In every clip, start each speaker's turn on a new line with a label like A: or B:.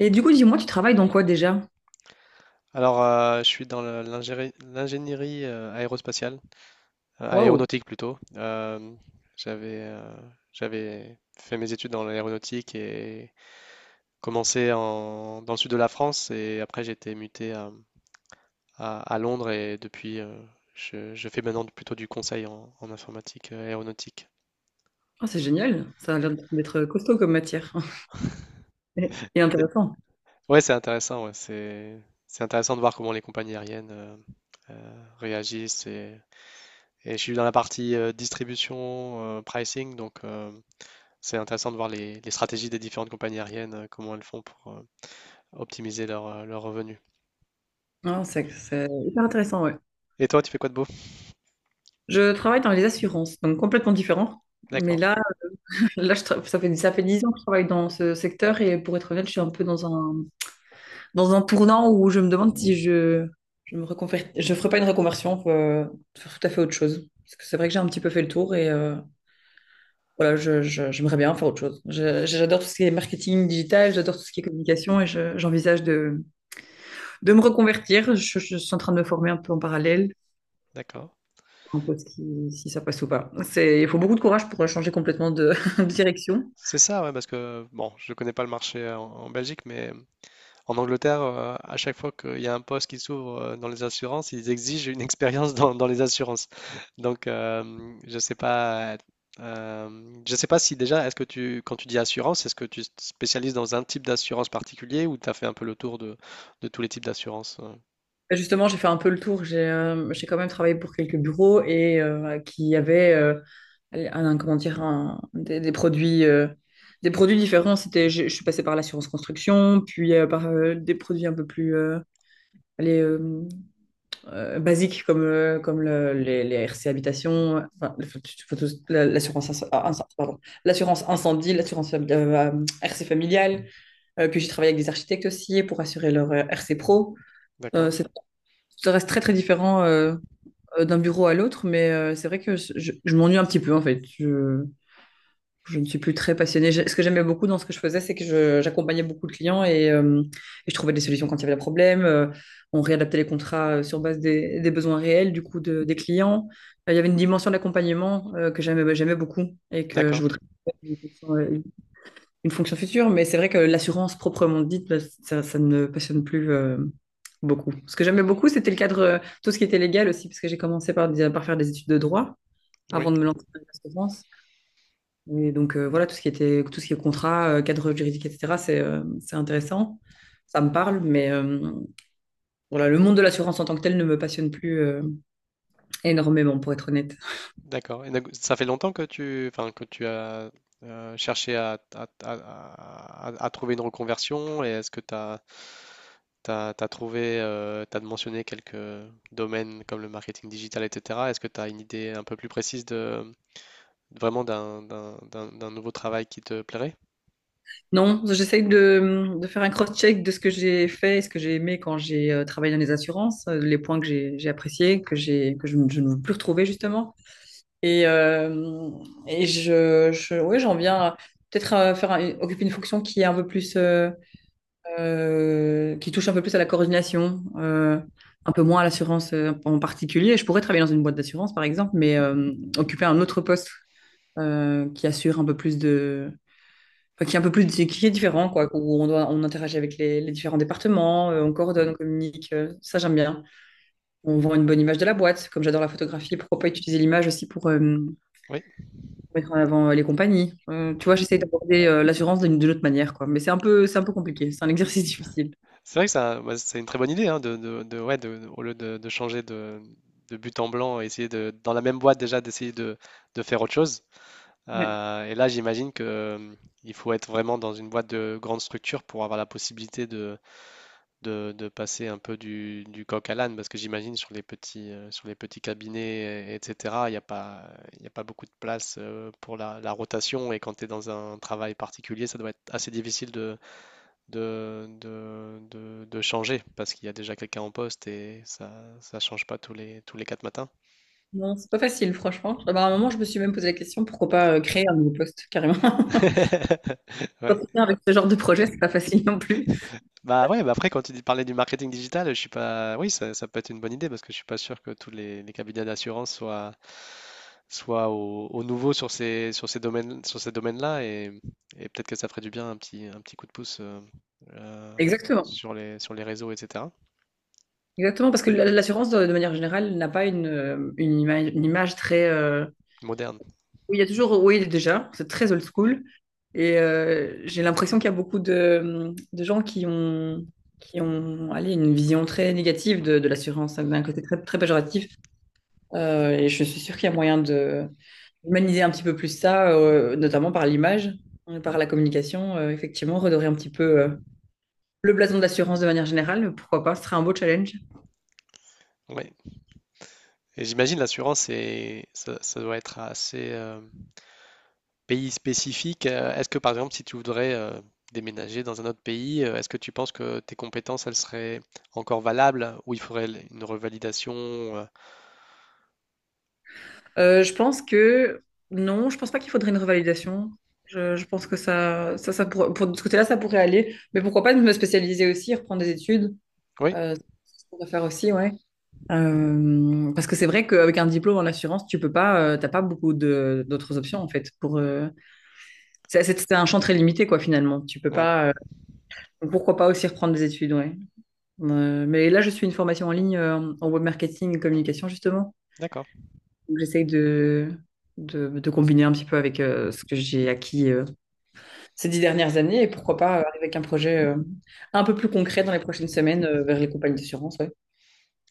A: Et du coup, dis-moi, tu travailles dans quoi déjà?
B: Je suis dans l'ingénierie aérospatiale,
A: Waouh!
B: aéronautique plutôt. J'avais euh, j'avais fait mes études dans l'aéronautique et commencé dans le sud de la France et après j'ai été muté à Londres et depuis je fais maintenant plutôt du conseil en informatique aéronautique.
A: Ah, c'est génial. Ça a l'air d'être costaud comme matière. Et
B: Et-
A: intéressant.
B: ouais, c'est intéressant, ouais, c'est intéressant de voir comment les compagnies aériennes réagissent et je suis dans la partie distribution, pricing, donc c'est intéressant de voir les stratégies des différentes compagnies aériennes, comment elles font pour optimiser leurs revenus.
A: Ah, c'est hyper intéressant, ouais.
B: Et toi, tu fais quoi de beau?
A: Je travaille dans les assurances, donc complètement différent. Mais
B: D'accord,
A: là, ça fait 10 ans que je travaille dans ce secteur et pour être honnête, je suis un peu dans un tournant où je me demande si je ferai pas une reconversion pour faire tout à fait autre chose. Parce que c'est vrai que j'ai un petit peu fait le tour et voilà, je, j'aimerais bien faire autre chose. J'adore tout ce qui est marketing digital, j'adore tout ce qui est communication et j'envisage de me reconvertir. Je suis en train de me former un peu en parallèle,
B: d'accord.
A: un peu si, si ça passe ou pas. Il faut beaucoup de courage pour changer complètement de, de direction.
B: C'est ça, ouais, parce que bon, je connais pas le marché en Belgique, mais en Angleterre, à chaque fois qu'il y a un poste qui s'ouvre dans les assurances, ils exigent une expérience dans les assurances. Donc, je sais pas si déjà, quand tu dis assurance, est-ce que tu te spécialises dans un type d'assurance particulier ou tu as fait un peu le tour de tous les types d'assurances?
A: Et justement, j'ai fait un peu le tour. J'ai quand même travaillé pour quelques bureaux et qui avaient un, comment dire, des produits. Des produits différents, c'était, je suis passée par l'assurance construction, puis par des produits un peu plus, allez, euh, basiques comme, comme les RC Habitation, enfin, la- l'assurance inc- ah, inc- pardon, l'assurance incendie, RC familiale. Puis j'ai travaillé avec des architectes aussi pour assurer leur RC pro. Euh,
B: D'accord,
A: c'est- Ça reste très très différent d'un bureau à l'autre, mais c'est vrai que je, je m'ennuie un petit peu en fait. Je ne suis plus très passionnée. Ce que j'aimais beaucoup dans ce que je faisais, c'est que j'accompagnais beaucoup de clients et, et je trouvais des solutions quand il y avait des problèmes. On réadaptait les contrats sur base des besoins réels du coup des clients. Il y avait une dimension d'accompagnement que j'aimais beaucoup et que je
B: d'accord.
A: voudrais faire une fonction future. Mais c'est vrai que l'assurance proprement dite, bah, ça ne me passionne plus beaucoup. Ce que j'aimais beaucoup, c'était le cadre, tout ce qui était légal aussi, parce que j'ai commencé par, par faire des études de droit avant
B: Oui,
A: de me lancer dans l'assurance. Et donc voilà, tout ce qui était, tout ce qui est contrat, cadre juridique, etc., c'est intéressant. Ça me parle, mais voilà, le monde de l'assurance en tant que tel ne me passionne plus énormément, pour être honnête.
B: d'accord. Et donc, ça fait longtemps que enfin, que tu as cherché à trouver une reconversion et est-ce que tu as mentionné quelques domaines comme le marketing digital, etc. Est-ce que tu as une idée un peu plus précise de vraiment d'un nouveau travail qui te plairait?
A: Non, j'essaye de faire un cross-check de ce que j'ai fait et ce que j'ai aimé quand j'ai travaillé dans les assurances, les points que j'ai appréciés, que j'ai, que je ne veux plus retrouver, justement. Et, euh, et ouais, j'en viens à peut-être à faire occuper une fonction qui est un peu plus qui touche un peu plus à la coordination, un peu moins à l'assurance en particulier. Je pourrais travailler dans une boîte d'assurance, par exemple, mais occuper un autre poste qui assure un peu plus de... enfin, qui est un peu plus... qui est différent, quoi, où on doit, on interagit avec les différents départements, on coordonne, on communique. Ça, j'aime bien. On vend une bonne image de la boîte. Comme j'adore la photographie, pourquoi pas utiliser l'image aussi pour...
B: Oui,
A: mettre en avant les compagnies. Tu vois, j'essaie d'aborder l'assurance d'une autre manière, quoi. Mais c'est un peu compliqué. C'est un exercice difficile.
B: c'est vrai que ça, bah, c'est une très bonne idée hein, au lieu de changer de but en blanc, essayer dans la même boîte déjà d'essayer de faire autre chose.
A: Ouais.
B: Et là, j'imagine que il faut être vraiment dans une boîte de grande structure pour avoir la possibilité de passer un peu du coq à l'âne, parce que j'imagine sur les petits cabinets, etc., il y a pas beaucoup de place pour la rotation, et quand tu es dans un travail particulier, ça doit être assez difficile de changer, parce qu'il y a déjà quelqu'un en poste et ça change pas tous tous les quatre matins.
A: Non, c'est pas facile, franchement. Ah bah, à un moment, je me suis même posé la question, pourquoi pas créer un nouveau poste, carrément.
B: Ouais.
A: Entretenir avec ce genre de projet, c'est pas facile non plus.
B: Bah ouais, bah après quand tu dis parler du marketing digital, je suis pas, oui, ça peut être une bonne idée parce que je suis pas sûr que tous les cabinets d'assurance soient au nouveau sur ces domaines sur ces domaines-là et peut-être que ça ferait du bien un petit coup de pouce euh,
A: Exactement.
B: sur les réseaux etc.
A: Exactement, parce que l'assurance, de manière générale, n'a pas une, une image très...
B: Moderne.
A: Oui, il y a toujours... Oui, déjà, c'est très old school. Et j'ai l'impression qu'il y a beaucoup de gens qui ont allez, une vision très négative de l'assurance, hein, d'un côté très, très péjoratif. Et je suis sûre qu'il y a moyen de humaniser un petit peu plus ça, notamment par l'image, par la communication. Effectivement, redorer un petit peu le blason de l'assurance de manière générale, pourquoi pas, ce serait un beau challenge.
B: Ouais. Et j'imagine l'assurance c'est ça, ça doit être assez pays spécifique. Est-ce que par exemple si tu voudrais déménager dans un autre pays, est-ce que tu penses que tes compétences, elles seraient encore valables ou il faudrait l une revalidation?
A: Je pense que non, je pense pas qu'il faudrait une revalidation. Je pense que pour, de ce côté-là, ça pourrait aller. Mais pourquoi pas me spécialiser aussi, reprendre des études.
B: Oui?
A: Euh, c'est ce qu'on va faire aussi, ouais. Parce que c'est vrai qu'avec un diplôme en assurance, tu peux pas, t'as pas beaucoup de d'autres options en fait. Pour c'est un champ très limité quoi finalement. Tu peux
B: Ouais,
A: pas. Donc pourquoi pas aussi reprendre des études, ouais. Mais là, je suis une formation en ligne en web marketing et communication justement.
B: d'accord.
A: Donc, j'essaye de combiner un petit peu avec ce que j'ai acquis ces 10 dernières années et pourquoi pas arriver avec un projet un peu plus concret dans les prochaines semaines vers les compagnies d'assurance, ouais.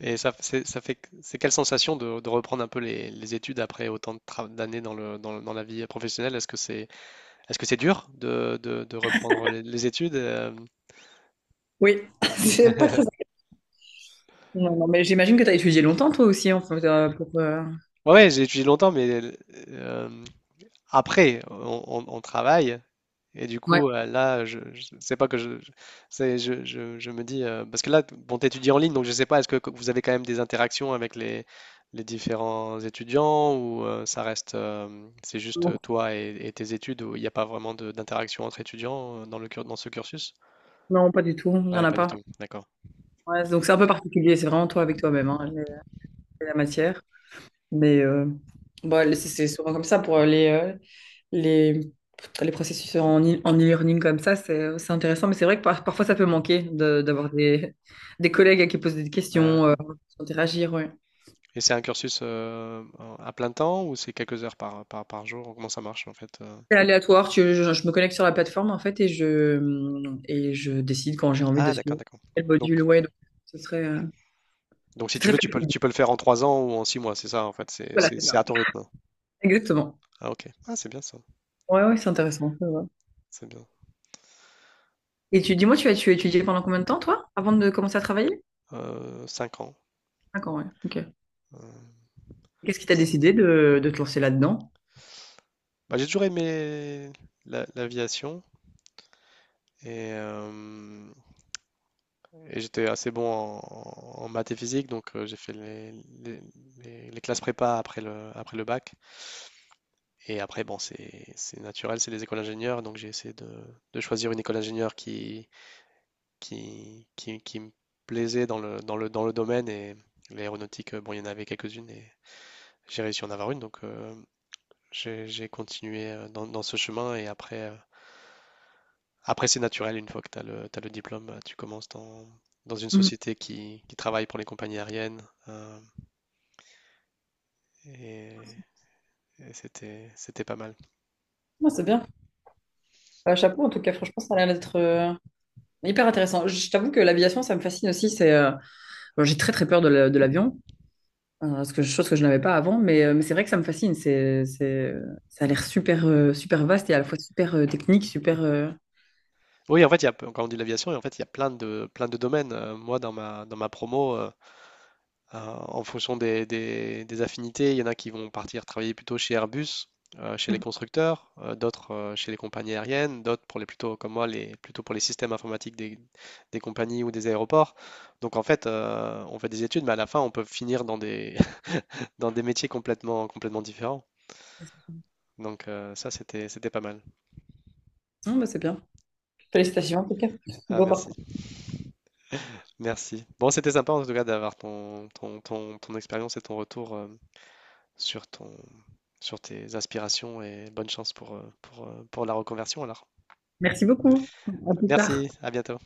B: Et ça c'est ça fait q c'est quelle sensation de reprendre un peu les études après autant de tra d'années dans la vie professionnelle? Est-ce que c'est dur de reprendre les études, hem?
A: Oui, c'est pas très. Non, non, mais j'imagine que tu as étudié longtemps toi aussi, en fait, pour,
B: Ouais, ouais, j'ai étudié longtemps, mais l après on travaille. Et du coup,
A: Ouais.
B: je sais pas que je- c'est, je me dis, parce que là, bon, t'étudies en ligne, donc je sais pas, est-ce que vous avez quand même des interactions avec les différents étudiants ou ça reste, c'est juste
A: Non,
B: toi et tes études où il n'y a pas vraiment d'interaction entre étudiants dans dans ce cursus?
A: non, pas du tout, il n'y en
B: Ouais,
A: a
B: pas du
A: pas.
B: tout, d'accord.
A: Ouais, donc c'est un peu particulier, c'est vraiment toi avec toi-même, hein, la matière. Mais bah, c'est souvent comme ça pour les, les, les processus en en e-learning comme ça, c'est intéressant, mais c'est vrai que parfois ça peut manquer d'avoir des collègues à qui posent des
B: Bah,
A: questions,
B: ouais.
A: interagir, ouais.
B: Et c'est un cursus à plein temps ou c'est quelques heures par jour? Comment ça marche en fait?
A: C'est aléatoire, je me connecte sur la plateforme en fait et et je décide quand j'ai envie de
B: Ah, d'accord,
A: suivre
B: d'accord.
A: quel
B: Donc,
A: module. Ouais, donc ce serait,
B: donc, si
A: c'est
B: tu
A: très
B: veux,
A: flexible,
B: tu peux le faire en 3 ans ou en 6 mois, c'est ça en fait,
A: voilà, c'est
B: c'est
A: ça.
B: à ton rythme.
A: Exactement.
B: Ah OK. Ah c'est bien ça,
A: Ouais, ouais, c'est intéressant. Ça va.
B: c'est bien.
A: Et tu dis-moi, tu as étudié pendant combien de temps toi, avant de commencer à travailler?
B: 5 ans.
A: D'accord, ouais, ok.
B: Heu,
A: Qu'est-ce qui t'a
B: c
A: décidé de te lancer là-dedans?
B: Bah, j'ai toujours aimé l'aviation et hem et j'étais assez bon en maths et physique, donc j'ai fait les les classes prépa après le bac et après, bon, c'est naturel, c'est les écoles d'ingénieurs, donc j'ai essayé de choisir une école d'ingénieur qui me plaisait dans le domaine et l'aéronautique, bon il y en avait quelques-unes et j'ai réussi à en avoir une, donc j'ai continué dans ce chemin et après, après c'est naturel, une fois que t'as le diplôme, tu commences dans une
A: Mhm.
B: société qui travaille pour les compagnies aériennes euh, et, et c'était pas mal.
A: Ouais, c'est bien. Chapeau, en tout cas, franchement, ça a l'air d'être hyper intéressant. Je t'avoue que l'aviation, ça me fascine aussi. Bon, j'ai très très peur de de l'avion. Chose que je n'avais pas avant, mais c'est vrai que ça me fascine. Ça a l'air super, super vaste et à la fois super technique, super.
B: Oui, en fait, quand on dit l'aviation, en fait, il y a plein de domaines. Moi, dans ma promo, Euh, en fonction des affinités, il y en a qui vont partir travailler plutôt chez Airbus, chez les constructeurs, d'autres chez les compagnies aériennes, d'autres pour les plutôt comme moi, les plutôt pour les systèmes informatiques des compagnies ou des aéroports. Donc en fait, on fait des études, mais à la fin, on peut finir dans des dans des métiers complètement complètement différents. Donc c'était pas mal.
A: Non, bah, c'est bien. Félicitations en tout cas.
B: Ah
A: Beau
B: merci,
A: parcours.
B: merci. Bon, c'était sympa en tout cas d'avoir ton expérience et ton retour sur ton, sur tes aspirations et bonne chance pour la reconversion alors.
A: Merci beaucoup. À plus tard.
B: Merci, à bientôt.